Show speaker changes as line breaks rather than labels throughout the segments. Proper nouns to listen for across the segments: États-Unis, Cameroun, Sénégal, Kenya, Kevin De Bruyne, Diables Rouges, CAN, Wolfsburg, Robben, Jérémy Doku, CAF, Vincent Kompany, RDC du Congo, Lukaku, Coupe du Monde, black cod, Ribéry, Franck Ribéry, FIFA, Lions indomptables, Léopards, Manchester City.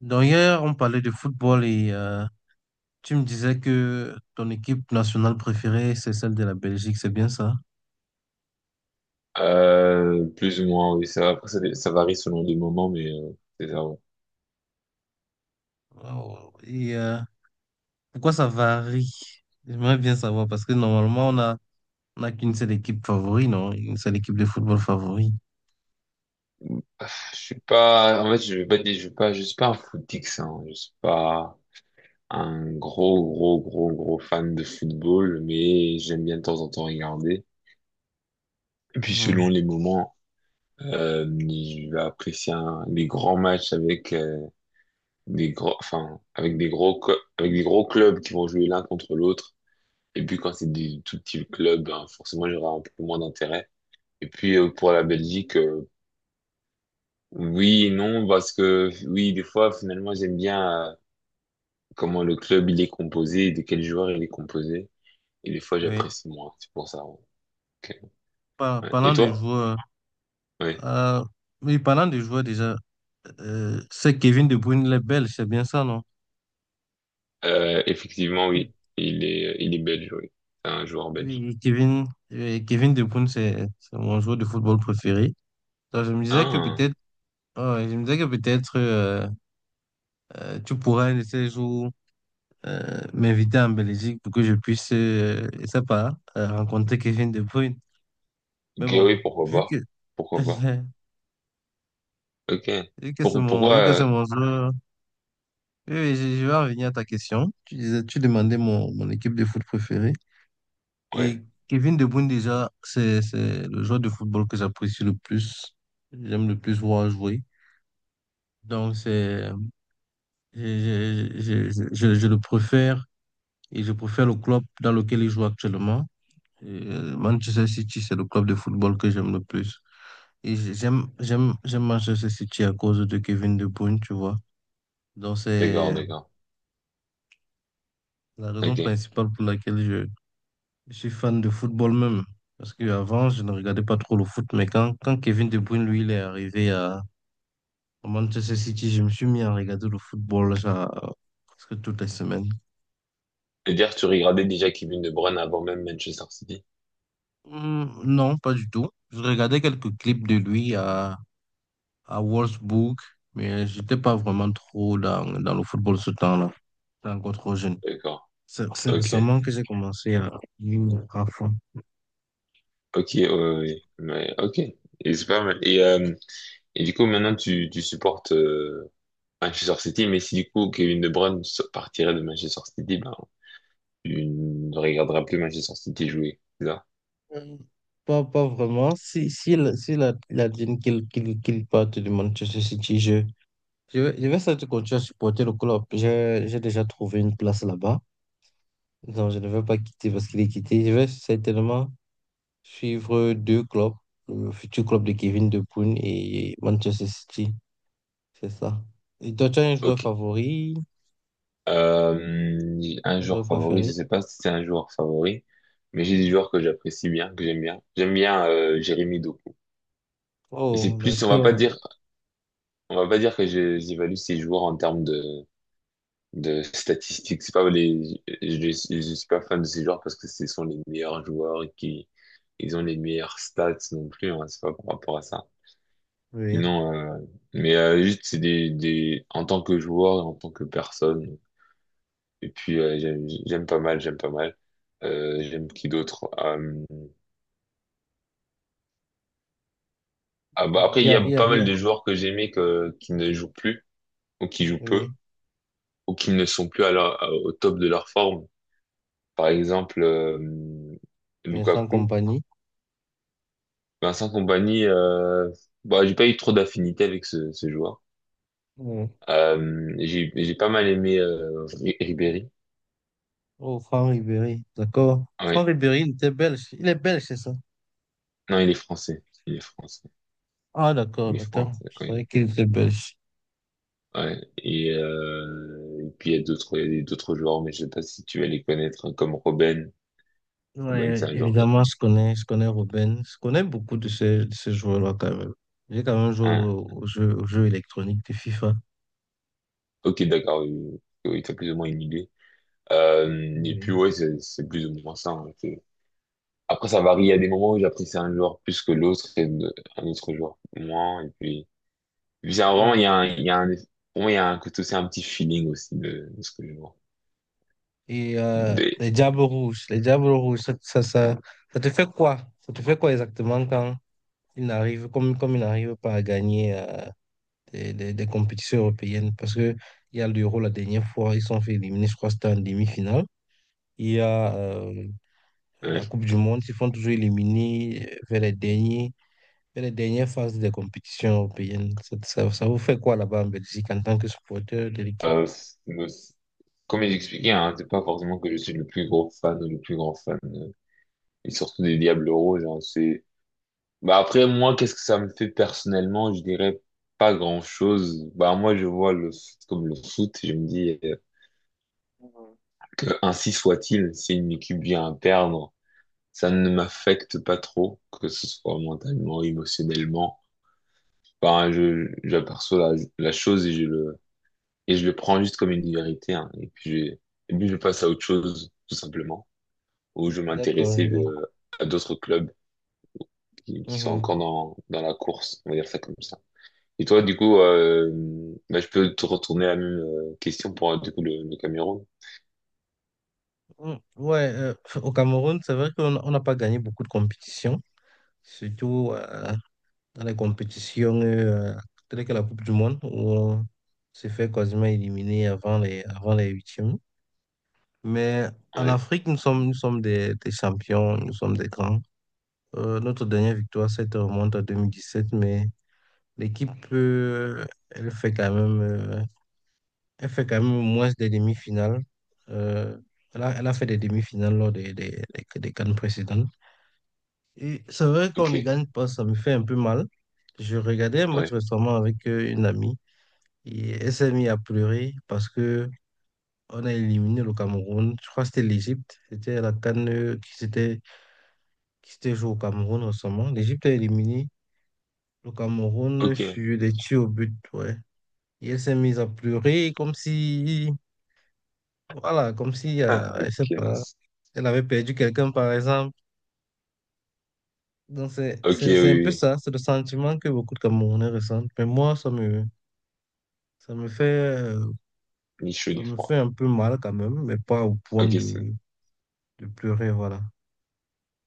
Donc hier, on parlait de football et tu me disais que ton équipe nationale préférée, c'est celle de la Belgique, c'est bien ça?
Plus ou moins, oui. Ça, après, ça varie selon les moments, mais c'est ça. Ouais.
Wow. Et pourquoi ça varie? J'aimerais bien savoir parce que normalement, on a qu'une seule équipe favori, non? Une seule équipe de football favori.
Ah, je suis pas. En fait, je vais pas dire, je suis pas un footix, hein. Je suis pas un gros, gros, gros, gros fan de football, mais j'aime bien de temps en temps regarder. Et puis selon
Mhm.
les moments, je vais apprécier des grands matchs avec des gros, enfin, avec des gros clubs qui vont jouer l'un contre l'autre. Et puis quand c'est des tout petits clubs, ben, forcément, j'aurai un peu moins d'intérêt. Et puis pour la Belgique, oui et non, parce que oui, des fois, finalement, j'aime bien comment le club il est composé, de quels joueurs il est composé. Et des fois,
Oui.
j'apprécie moins, c'est pour ça. Ouais. Ok. Ouais. Et
Parlant de
toi?
joueurs,
Oui.
euh, oui, parlant de joueurs déjà, c'est Kevin De Bruyne, le Belge, c'est bien ça, non?
Effectivement,
Oui,
oui. Il est belge, oui. C'est un joueur belge.
oui, Kevin, Kevin De Bruyne, c'est mon joueur de football préféré. Donc, je me disais que
Ah,
peut-être, ouais, je me disais que peut-être tu pourrais un de ces jours m'inviter en Belgique pour que je puisse, je sais pas, rencontrer Kevin De Bruyne. Mais
ok,
bon,
oui, pourquoi
vu que,
pas? Pourquoi pas? Ok. Pourquoi?
vu que c'est mon joueur. Oui, oui, je vais revenir à ta question. Tu disais, tu demandais mon équipe de foot préférée.
Ouais,
Et Kevin De Bruyne, déjà, c'est le joueur de football que j'apprécie le plus. J'aime le plus voir jouer. Donc, c'est, je, je, je le préfère et je préfère le club dans lequel il joue actuellement. Manchester City, c'est le club de football que j'aime le plus. Et j'aime Manchester City à cause de Kevin De Bruyne, tu vois. Donc,
d'accord,
c'est
d'accord.
la raison
Ok.
principale pour laquelle je suis fan de football même. Parce qu'avant, je ne regardais pas trop le foot. Mais quand Kevin De Bruyne, lui, il est arrivé à Manchester City, je me suis mis à regarder le football genre, presque toutes les semaines.
C'est-à-dire, tu regardais déjà Kevin De Bruyne avant même Manchester City?
Hmm, non, pas du tout. Je regardais quelques clips de lui à Wolfsburg. Mais j'étais pas vraiment trop dans le football ce temps-là. J'étais encore trop jeune.
D'accord.
C'est
Ok.
récemment que j'ai commencé à m'y mettre à fond.
Ok, ouais, ouais, ouais. Ok, et c'est pas mal. Et du coup, maintenant, tu supportes Manchester City, mais si du coup Kevin De Bruyne partirait de Manchester City, ben, tu ne regarderas plus Manchester City jouer, c'est ça?
Euh, Pas, pas vraiment. Si, si, il a dit qu'il parte du Manchester City, je vais surtout continuer à supporter le club. J'ai déjà trouvé une place là-bas. Non, je ne vais pas quitter parce qu'il est quitté. Je vais certainement suivre deux clubs, le futur club de Kevin De Bruyne et Manchester City. C'est ça. Et toi, tu as un joueur
Ok.
favori,
Euh, un
un
joueur
joueur
favori, je
préféré?
sais pas si c'est un joueur favori, mais j'ai des joueurs que j'apprécie bien, que j'aime bien. J'aime bien Jérémy Doku. Et c'est
Oh,
plus, on va pas
d'accord.
dire, que j'évalue ces joueurs en termes de statistiques. C'est pas les, je suis pas fan de ces joueurs parce que ce sont les meilleurs joueurs et qui, ils ont les meilleures stats non plus. Hein, c'est pas par rapport à ça.
Oui.
Sinon, mais juste c'est des, en tant que joueur, et en tant que personne. Et puis j'aime pas mal, j'aime pas mal. J'aime qui d'autre? Ah, bah,
Il
après
y
il y
a, il
a
y a,
pas
il y
mal
a-
de joueurs que j'aimais que qui ne jouent plus ou qui jouent peu
Oui,
ou qui ne sont plus à leur- au top de leur forme. Par exemple,
Vincent
Lukaku.
Kompany.
Vincent Compagnie, bah, j'ai pas eu trop d'affinité avec ce joueur. J'ai pas mal aimé Ribéry.
Oh, Franck Ribéry, d'accord.
Ouais.
Franck Ribéry, il était belge. Il est belge, c'est ça?
Non, il est français. Il est français.
Ah, d'accord,
Il est
d'accord.
français.
Je savais
Oui.
qu'il était belge.
Ouais. Et puis il y a d'autres joueurs, mais je sais pas si tu vas les connaître, hein, comme Robben. Robben, c'est
Ouais,
un joueur.
évidemment, je connais Robben. Je connais beaucoup de ces joueurs-là, quand même. J'ai quand même joué
Hein.
au jeu électronique de FIFA.
Ok, d'accord. Oui, oui, t'as plus ou moins une idée. Et
Oui.
puis ouais, c'est plus ou moins ça, hein. Après, ça varie. Il y a des moments où j'apprécie un joueur plus que l'autre et un autre joueur moins. Et puis, bizarre,
Oui.
vraiment, il
Mhm.
y a un, il y a un, pour moi, il y a un côté aussi, un petit feeling aussi de ce que je vois.
Et
Des,
les Diables Rouges, ça te fait quoi? Ça te fait quoi exactement quand comme ils n'arrivent pas à gagner des compétitions européennes parce que il y a l'Euro la dernière fois, ils sont fait éliminer, je crois que c'était en demi-finale. Il y a la
ouais.
Coupe du Monde, ils font toujours éliminer vers les derniers, vers les dernières phases des compétitions européennes. Ça vous fait quoi là-bas en Belgique en tant que supporter de l'équipe?
Euh, c'est- Comme j'expliquais, hein, c'est pas forcément que je suis le plus gros fan ou le plus grand fan, et surtout des Diables Rouges, hein, bah, après, moi, qu'est-ce que ça me fait personnellement? Je dirais pas grand-chose. Bah, moi, je vois le foot comme le foot, je me dis, que ainsi soit-il, si une équipe vient à perdre, ça ne m'affecte pas trop, que ce soit mentalement, émotionnellement. Enfin, j'aperçois la chose et et je le prends juste comme une vérité, hein. Et puis, je passe à autre chose, tout simplement, où je
D'accord, je
m'intéressais
vois.
à d'autres clubs qui sont
Mhm.
encore dans la course, on va dire ça comme ça. Et toi, du coup, bah, je peux te retourner la même question pour, du coup, le Cameroun?
Mm, ouais, au Cameroun, c'est vrai qu'on on n'a pas gagné beaucoup de compétitions, surtout dans les compétitions, telles que la Coupe du Monde, où on se fait quasiment éliminer avant les huitièmes. Mais en
Ouais,
Afrique, nous sommes des champions, nous sommes des grands. Notre dernière victoire, ça te remonte à 2017 mais l'équipe, elle fait quand même moins des demi-finales. Euh, elle a fait des demi-finales lors des CAN précédentes. Et c'est vrai qu'on
ok,
ne gagne pas, ça me fait un peu mal. Je regardais un match
ouais,
récemment avec une amie. Et elle s'est mise à pleurer parce que on a éliminé le Cameroun. Je crois que c'était l'Égypte. C'était la CAN qui s'était qui s'était jouée au Cameroun récemment. L'Égypte a éliminé le Cameroun
ok,
sur des tirs au but. Ouais. Et elle s'est mise à pleurer comme si, voilà, comme si,
ah,
elle sait
ok,
pas, elle avait perdu quelqu'un, par exemple. Donc,
ok, oui,
c'est un peu
oui,
ça. C'est le sentiment que beaucoup de Camerounais ressentent. Mais moi, ça me fait, euh,
ni chaud
ça
ni
me
froid.
fait un peu mal quand même, mais pas au point
Ok, c'est
de pleurer. Voilà.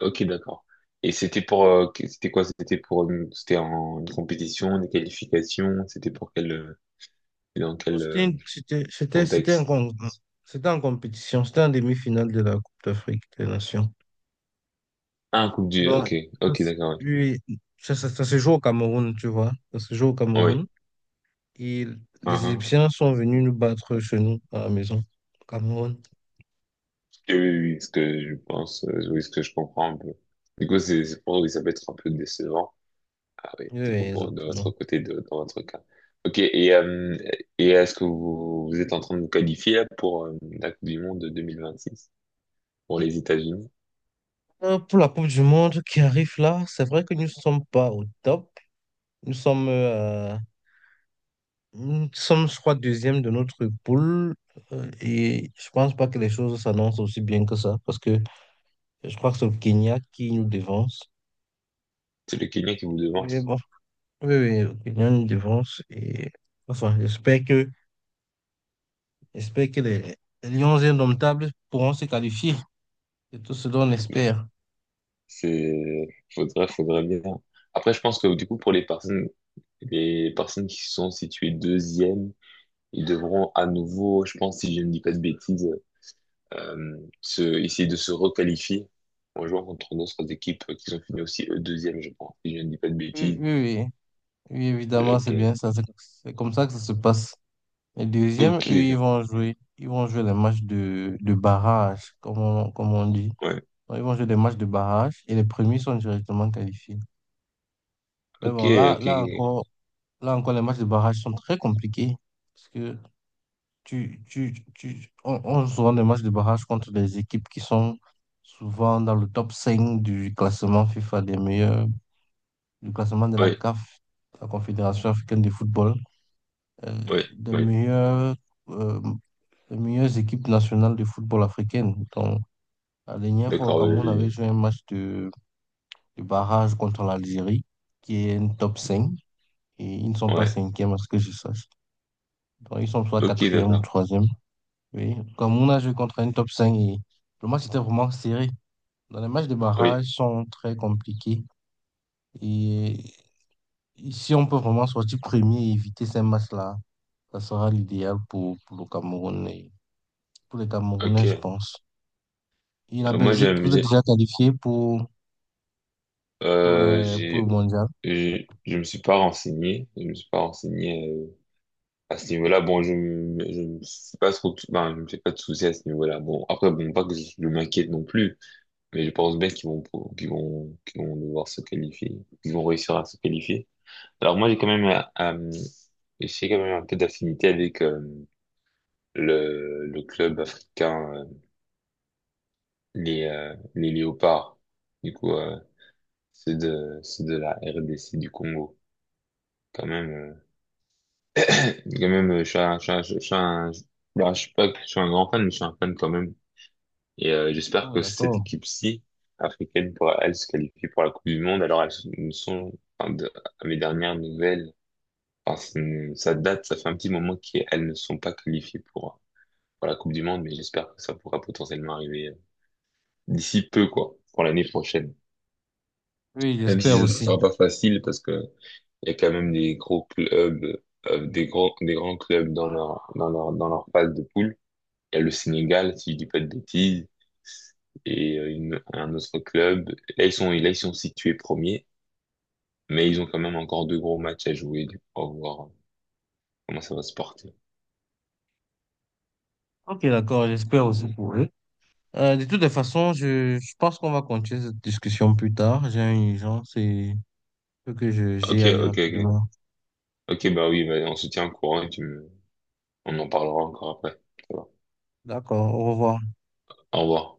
ok, d'accord. Et c'était pour, c'était quoi? C'était pour, c'était en une compétition, des qualifications. C'était dans
Non,
quel
C'était une- c'était, c'était, c'était un
contexte?
con- c'était en compétition, c'était en demi-finale de la Coupe d'Afrique des Nations.
Ah,
Donc,
ok, ok, d'accord.
puis, ça se joue au Cameroun, tu vois. Ça se joue au
Oui. Oui.
Cameroun. Et
Ah,
les
ah.
Égyptiens sont venus nous battre chez nous, à la maison, au Cameroun.
Oui, oui, oui, ce que je pense, oui, ce que je comprends un peu. Du coup, c'est pour oui, ça peut être un peu décevant. Ah oui,
Oui, oui,
du coup, de
exactement.
votre côté, dans votre cas. Ok, et est-ce que vous, vous êtes en train de vous qualifier là, pour la Coupe du Monde de six pour les États-Unis?
Pour la Coupe du Monde qui arrive là, c'est vrai que nous ne sommes pas au top. Nous sommes, euh, nous sommes, je crois, deuxième de notre poule. Et je pense pas que les choses s'annoncent aussi bien que ça, parce que je crois que c'est le Kenya qui nous devance.
C'est le Kenya qui vous demande.
Mais bon, oui, oui, le Kenya nous devance. Et enfin, j'espère que les Lions indomptables pourront se qualifier. C'est tout ce dont on espère.
C'est, Faudrait, faudrait bien. Après, je pense que du coup, pour les personnes qui sont situées deuxième, ils devront à nouveau, je pense, si je ne dis pas de bêtises, essayer de se requalifier en jouant contre d'autres équipes qui sont finies aussi eux, deuxième, je pense, si je ne dis pas de
Oui,
bêtises.
oui, oui. Oui, évidemment, c'est
Ok.
bien ça. C'est comme ça que ça se passe. Les deuxièmes,
Ok.
eux, ils vont jouer. Ils vont jouer les matchs de barrage, comme on dit.
Ouais.
Donc, ils vont jouer des matchs de barrage et les premiers sont directement qualifiés. Mais
Ok,
bon,
ok.
là encore, les matchs de barrage sont très compliqués. Parce que on joue souvent des matchs de barrage contre des équipes qui sont souvent dans le top 5 du classement FIFA des meilleurs, du classement de la
Ouais,
CAF, la Confédération africaine de football, euh,
ouais,
des
ouais.
meilleurs, euh, des meilleures équipes nationales de football africaine. Donc, la dernière fois au
D'accord, oui,
Cameroun, on avait
oui,
joué un match de barrage contre l'Algérie, qui est un top 5 et ils ne sont
oui.
pas
Ouais.
cinquième à ce que je sache. Donc, ils sont soit
Ok,
quatrième ou
d'accord.
troisième. Oui, comme on a joué contre un top 5 et le match était vraiment serré. Dans les matchs de barrage
Oui.
sont très compliqués. Et si on peut vraiment sortir premier et éviter ces matchs-là, ça sera l'idéal pour le Cameroun et pour les
Ok.
Camerounais, je pense. Et la
Moi,
Belgique, vous êtes déjà qualifié pour le
j'ai.
mondial.
Je me suis pas renseigné, à ce niveau-là. Bon, je me suis pas trop, ben, je me fais pas de soucis à ce niveau-là. Bon, après, bon, pas que je m'inquiète non plus, mais je pense bien qu'ils vont devoir se qualifier, qu'ils vont réussir à se qualifier. Alors moi, j'ai quand même un peu d'affinité avec le club africain, les Léopards. Du coup, c'est de la RDC du Congo, quand même. Je suis un, je suis un- je suis un- je- bah, je suis pas, je suis un grand fan, mais je suis un fan quand même. Et j'espère
Oh,
que cette
d'accord.
équipe-ci, africaine, pourra, elle, se qualifier pour la Coupe du Monde. Alors, elles ne sont, enfin, à mes dernières nouvelles, enfin, ça date, ça fait un petit moment qu'elles ne sont pas qualifiées pour la Coupe du Monde, mais j'espère que ça pourra potentiellement arriver d'ici peu, quoi, pour l'année prochaine.
Oui,
Même si
j'espère
ce ne
aussi.
sera pas facile, parce que il y a quand même des gros clubs, des gros, des grands clubs dans leur phase de poule. Il y a le Sénégal, si je dis pas de bêtises, et un autre club. Là, ils sont situés premiers, mais ils ont quand même encore deux gros matchs à jouer. Du coup, on va voir comment ça va se porter.
Ok, d'accord, j'espère aussi pour eux. De toutes les façons, je pense qu'on va continuer cette discussion plus tard. J'ai une urgence et il faut que je
Ok,
j'y aille
ok, ok.
rapidement.
Ok, bah oui, bah, on se tient au courant et tu me... on en parlera encore après. Ça va.
D'accord, au revoir.
Au revoir.